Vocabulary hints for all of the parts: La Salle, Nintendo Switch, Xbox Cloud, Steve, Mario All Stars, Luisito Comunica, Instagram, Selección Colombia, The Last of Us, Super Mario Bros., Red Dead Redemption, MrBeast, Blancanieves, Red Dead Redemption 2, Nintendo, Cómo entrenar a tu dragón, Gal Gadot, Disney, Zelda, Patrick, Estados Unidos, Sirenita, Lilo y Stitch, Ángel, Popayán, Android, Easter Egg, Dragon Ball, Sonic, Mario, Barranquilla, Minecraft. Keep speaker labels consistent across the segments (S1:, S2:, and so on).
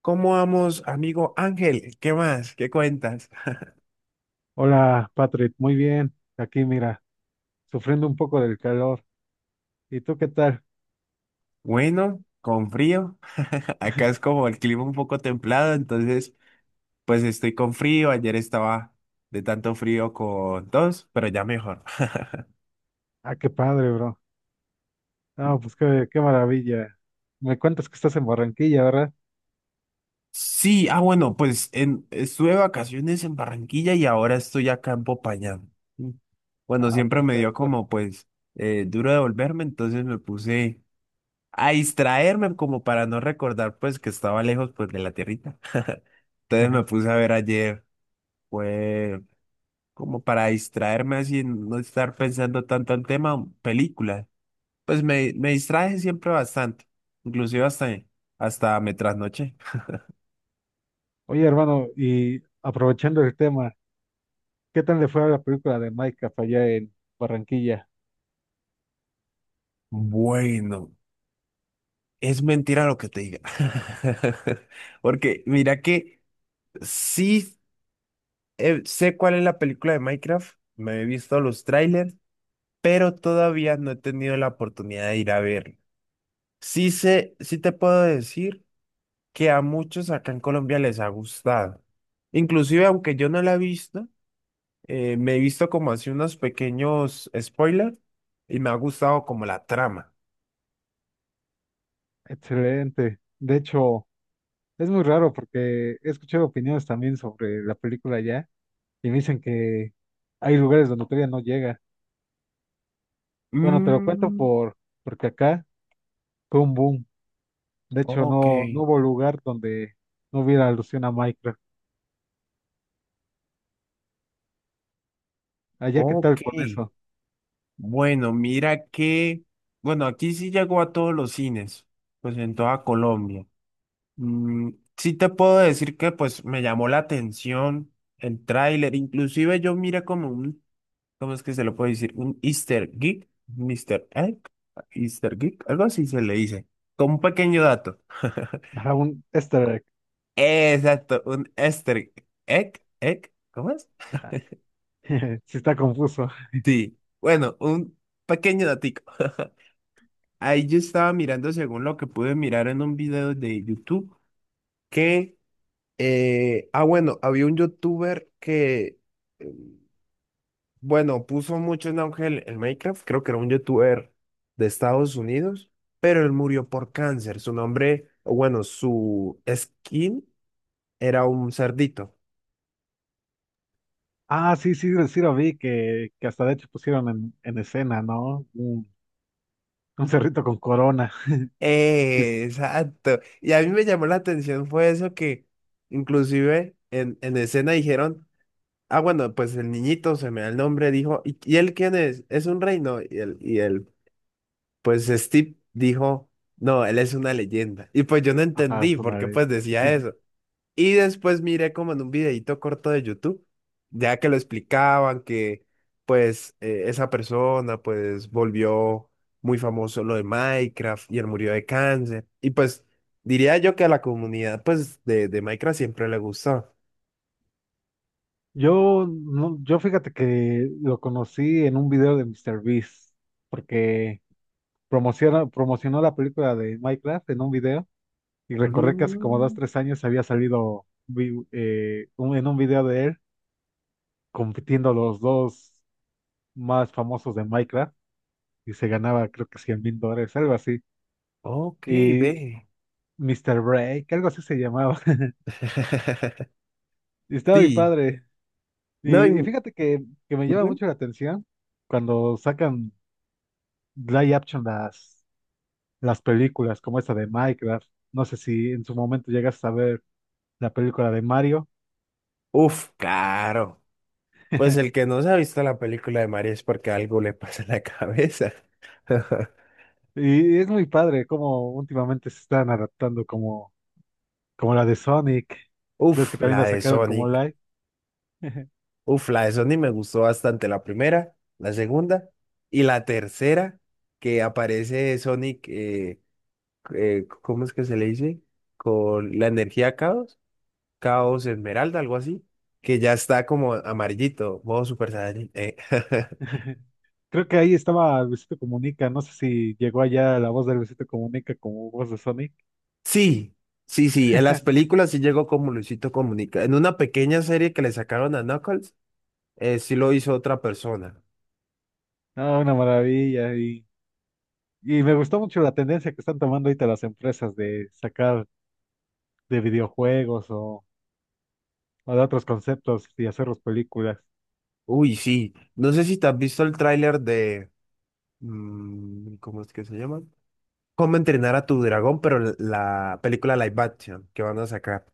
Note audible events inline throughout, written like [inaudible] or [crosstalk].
S1: ¿Cómo vamos, amigo Ángel? ¿Qué más? ¿Qué cuentas?
S2: Hola, Patrick, muy bien. Aquí, mira, sufriendo un poco del calor. ¿Y tú qué tal?
S1: Bueno, con frío. [laughs] Acá es como el clima un poco templado, entonces pues estoy con frío. Ayer estaba de tanto frío con tos, pero ya mejor.
S2: Ah, qué padre, bro. Ah, pues qué maravilla. Me cuentas que estás en Barranquilla, ¿verdad?
S1: Sí, ah bueno, estuve de vacaciones en Barranquilla y ahora estoy acá en Popayán. Mm. Bueno,
S2: Ah,
S1: siempre me dio
S2: perfecto.
S1: como pues duro devolverme, entonces me puse a distraerme como para no recordar pues que estaba lejos pues de la tierrita. Entonces me
S2: [laughs]
S1: puse a ver ayer, fue como para distraerme así, no estar pensando tanto en tema, películas. Pues me distraje siempre bastante, inclusive hasta, hasta me trasnoché.
S2: Oye, hermano, y aprovechando el tema, ¿qué tal le fue a la película de Minecraft allá en Barranquilla?
S1: Bueno, es mentira lo que te diga. [laughs] Porque mira que sí, sé cuál es la película de Minecraft, me he visto los trailers, pero todavía no he tenido la oportunidad de ir a verla. Sí sé, sí te puedo decir que a muchos acá en Colombia les ha gustado. Inclusive, aunque yo no la he visto, me he visto como así unos pequeños spoilers y me ha gustado como la trama.
S2: Excelente. De hecho, es muy raro porque he escuchado opiniones también sobre la película allá y me dicen que hay lugares donde todavía no llega. Bueno, te lo cuento
S1: Mm,
S2: porque acá fue un boom. De hecho,
S1: ok,
S2: no, no hubo lugar donde no hubiera alusión a Minecraft. Allá, ¿qué
S1: ok.
S2: tal con eso?
S1: Bueno, bueno, aquí sí llegó a todos los cines, pues en toda Colombia. Mm, sí te puedo decir que pues me llamó la atención el tráiler, inclusive yo miré como un ¿cómo es que se lo puede decir? Un Easter Geek, Mister Egg, Easter Geek, algo así se le dice. Con un pequeño dato. [laughs]
S2: Para un easter egg.
S1: Exacto, un Easter Egg, Egg, ¿cómo es?
S2: Ajá. [laughs] Sí está confuso.
S1: Sí, bueno, un pequeño datico. [laughs] Ahí yo estaba mirando, según lo que pude mirar en un video de YouTube, que, bueno, había un youtuber que, eh, bueno, puso mucho en auge el Minecraft, creo que era un youtuber de Estados Unidos, pero él murió por cáncer. Su nombre, o bueno, su skin era un cerdito.
S2: Ah, sí, sí, sí lo vi, que hasta de hecho pusieron en escena, ¿no? Un cerrito con corona. Sí,
S1: Exacto. Y a mí me llamó la atención fue eso que inclusive en escena dijeron, ah, bueno, pues el niñito se me da el nombre, dijo, y él quién es? Es un reino. Y él, pues Steve dijo, no, él es una leyenda. Y pues yo no
S2: ajá,
S1: entendí
S2: es
S1: por
S2: una
S1: qué
S2: ley.
S1: pues decía eso. Y después miré como en un videíto corto de YouTube, ya que lo explicaban que pues esa persona pues volvió muy famoso lo de Minecraft y él murió de cáncer. Y pues diría yo que a la comunidad pues de Minecraft siempre le gustó.
S2: Yo, no, yo fíjate que lo conocí en un video de mister Beast porque promocionó la película de Minecraft en un video. Y recordé que hace como dos,
S1: Mm,
S2: tres años había salido en un video de él compitiendo los dos más famosos de Minecraft y se ganaba creo que 100 mil dólares, algo así.
S1: ok,
S2: Y
S1: ve.
S2: Mr. Break, algo así se llamaba. [laughs]
S1: [laughs]
S2: Y estaba mi
S1: Sí,
S2: padre.
S1: no,
S2: Y
S1: y-
S2: fíjate que me llama
S1: ujú.
S2: mucho la atención cuando sacan live action las películas como esta de Minecraft. No sé si en su momento llegas a ver la película de Mario.
S1: Uf, claro. Pues
S2: [laughs]
S1: el que no se ha visto la película de Mario es porque algo le pasa en la cabeza. [laughs]
S2: Y es muy padre cómo últimamente se están adaptando como la de Sonic. Ves
S1: Uf,
S2: que también
S1: la
S2: la
S1: de
S2: sacaron como
S1: Sonic.
S2: live.
S1: Uf, la de Sonic me gustó bastante. La primera, la segunda y la tercera que aparece Sonic, ¿cómo es que se le dice? Con la energía caos, caos esmeralda, algo así, que ya está como amarillito, modo Super Saiyan. [laughs]
S2: [laughs] Creo que ahí estaba Luisito Comunica. No sé si llegó allá la voz de Luisito Comunica como voz de Sonic.
S1: Sí, sí, sí, en las películas sí llegó como Luisito Comunica. En una pequeña serie que le sacaron a Knuckles, sí lo hizo otra persona.
S2: Ah, una maravilla. Y me gustó mucho la tendencia que están tomando ahorita las empresas de sacar de videojuegos o de otros conceptos y hacerlos películas.
S1: Uy, sí. No sé si te has visto el tráiler de... mm, ¿cómo es que se llama? ¿Cómo entrenar a tu dragón? Pero la película live action que van a sacar.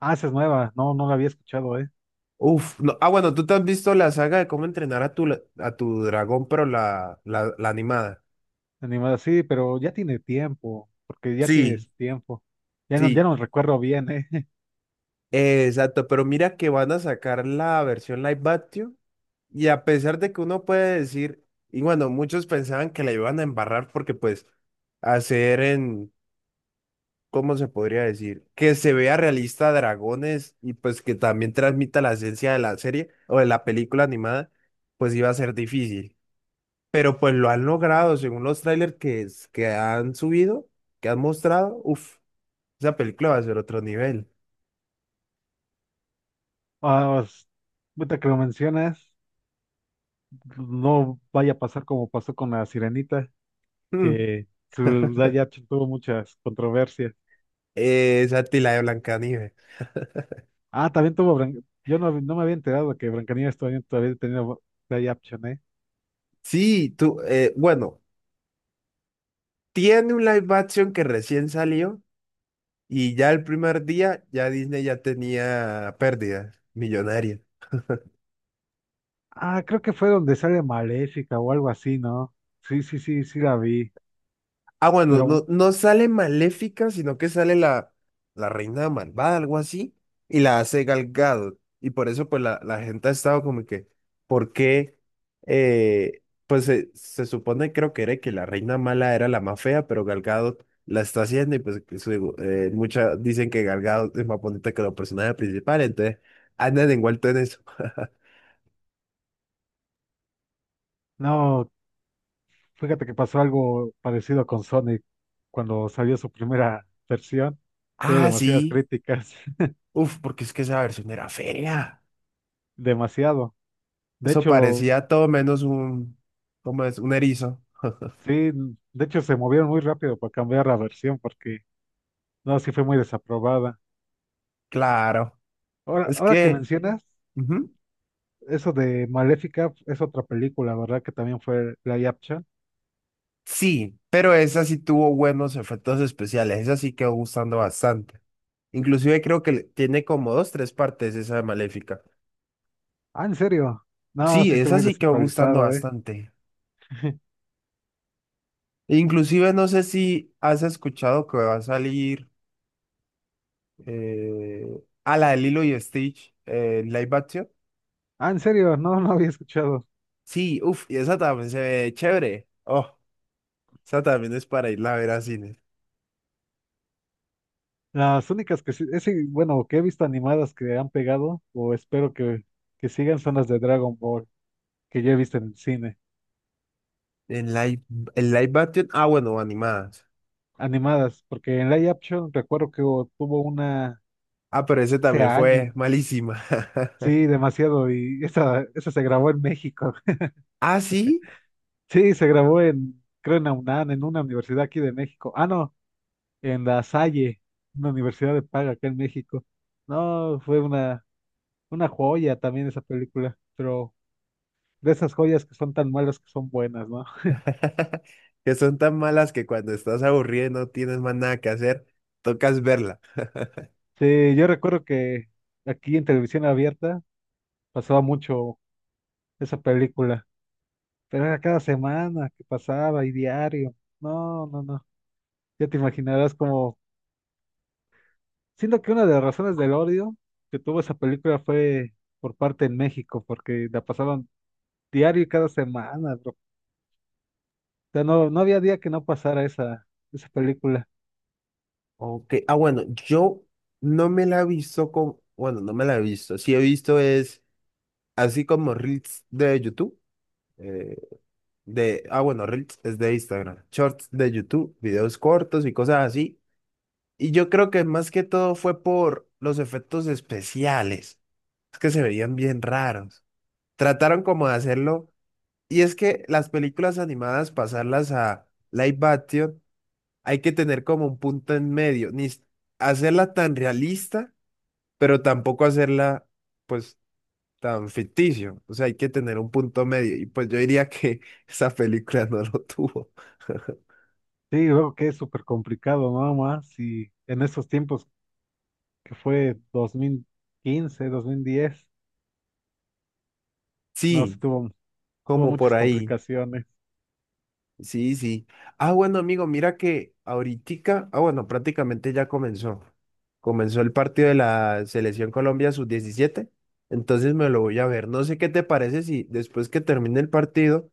S2: Ah, esa es nueva. No, no la había escuchado.
S1: Uf, no. Ah, bueno, tú te has visto la saga de cómo entrenar a tu, a tu dragón, pero la animada.
S2: Animada, sí, pero ya tiene tiempo, porque ya
S1: Sí,
S2: tienes tiempo. Ya no, ya
S1: sí,
S2: no recuerdo bien, ¿eh? [laughs]
S1: exacto. Pero mira que van a sacar la versión live action. Y a pesar de que uno puede decir, y bueno, muchos pensaban que la iban a embarrar porque pues hacer en, ¿cómo se podría decir? Que se vea realista Dragones y pues que también transmita la esencia de la serie o de la película animada, pues iba a ser difícil. Pero pues lo han logrado, según los trailers que han subido, que han mostrado, uff, esa película va a ser otro nivel.
S2: Ah, ahorita que lo mencionas, no vaya a pasar como pasó con la Sirenita,
S1: Mm,
S2: que su verdad ya tuvo muchas controversias.
S1: esa tila de Blancanieves.
S2: Ah, también tuvo, yo no, no me había enterado que Blancanieves todavía tenía live action, ¿eh?
S1: Sí, bueno, tiene un live action que recién salió y ya el primer día ya Disney ya tenía pérdidas millonarias.
S2: Ah, creo que fue donde sale Maléfica o algo así, ¿no? Sí, sí, sí, sí la vi,
S1: Ah, bueno,
S2: pero
S1: no, no sale Maléfica, sino que sale la reina malvada, algo así, y la hace Gal Gadot. Y por eso, pues, la gente ha estado como que, ¿por qué? Pues se supone, creo que era que la reina mala era la más fea, pero Gal Gadot la está haciendo, y pues, muchas dicen que Gal Gadot es más bonita que los personajes principales, entonces andan envueltos en eso. [laughs]
S2: no. Fíjate que pasó algo parecido con Sonic cuando salió su primera versión. Tuvo
S1: Ah,
S2: demasiadas
S1: sí.
S2: críticas, [laughs]
S1: Uf, porque es que esa versión era fea.
S2: demasiado. De
S1: Eso
S2: hecho,
S1: parecía todo menos un, ¿cómo es? Un erizo. [laughs]
S2: sí, de hecho se movieron muy rápido para cambiar la versión porque no, sí fue muy desaprobada.
S1: Claro.
S2: Ahora,
S1: Es
S2: ahora que
S1: que,
S2: mencionas,
S1: ujú,
S2: eso de Maléfica es otra película, ¿verdad? Que también fue la Yapcha.
S1: sí, pero esa sí tuvo buenos efectos especiales. Esa sí quedó gustando bastante. Inclusive creo que tiene como dos, tres partes esa de Maléfica.
S2: Ah, ¿en serio? No,
S1: Sí,
S2: sí estoy
S1: esa
S2: muy
S1: sí quedó gustando
S2: desactualizado, ¿eh?
S1: bastante.
S2: [laughs]
S1: Inclusive no sé si has escuchado que va a salir eh, a la de Lilo y Stitch en live action.
S2: Ah, ¿en serio? No, no había escuchado.
S1: Sí, uff, y esa también se ve chévere. Oh, esa también es para irla a ver a cine.
S2: Las únicas que sí, ese, bueno, que he visto animadas que han pegado, o espero que sigan, son las de Dragon Ball, que yo he visto en el cine.
S1: El live, el live action, ah, bueno, animadas.
S2: Animadas, porque en live action recuerdo que tuvo una
S1: Ah, pero ese
S2: hace
S1: también
S2: años.
S1: fue malísima. [laughs]
S2: Sí, demasiado, y esa se grabó en México. [laughs]
S1: Ah, sí.
S2: Sí, se grabó en, creo en la UNAM, en una universidad aquí de México. Ah, no, en La Salle, una universidad de paga acá en México. No, fue una joya también esa película, pero de esas joyas que son tan malas que son buenas, ¿no?
S1: [laughs] Que son tan malas que cuando estás aburrido y no tienes más nada que hacer, tocas verla.
S2: Sí, yo recuerdo que aquí en televisión abierta pasaba mucho esa película, pero era cada semana que pasaba y diario. No, no, no. Ya te imaginarás como, siento que una de las razones del odio que tuvo esa película fue por parte en México, porque la pasaban diario y cada semana, bro. O sea, no, no había día que no pasara esa película.
S1: Ok, ah, bueno, yo no me la he visto con, bueno, no me la he visto. Sí he visto es así como Reels de YouTube. eh, bueno, Reels es de Instagram. Shorts de YouTube, videos cortos y cosas así. Y yo creo que más que todo fue por los efectos especiales. Es que se veían bien raros. Trataron como de hacerlo. Y es que las películas animadas, pasarlas a live action, hay que tener como un punto en medio. Ni s- hacerla tan realista, pero tampoco hacerla, pues, tan ficticio. O sea, hay que tener un punto medio. Y pues yo diría que [laughs] esa película no lo tuvo. [laughs]
S2: Sí, y luego que es súper complicado, ¿no? Más y en esos tiempos que fue dos mil quince, 2010, no, sí
S1: Sí,
S2: estuvo. Tuvo
S1: como por
S2: muchas
S1: ahí.
S2: complicaciones.
S1: Sí, sí. Ah, bueno, amigo, mira que ahoritica, ah, bueno, prácticamente ya comenzó. Comenzó el partido de la Selección Colombia sub 17, entonces me lo voy a ver. No sé qué te parece si después que termine el partido,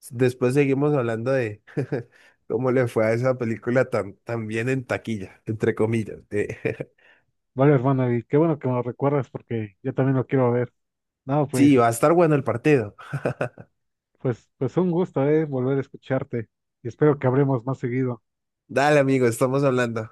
S1: después seguimos hablando de [laughs] cómo le fue a esa película tan, tan bien en taquilla, entre comillas. [laughs]
S2: Vale, hermano, y qué bueno que me lo recuerdas porque yo también lo quiero ver. No,
S1: Sí, va a
S2: pues,
S1: estar bueno el partido.
S2: pues, pues un gusto, volver a escucharte y espero que hablemos más seguido.
S1: Dale, amigo, estamos hablando.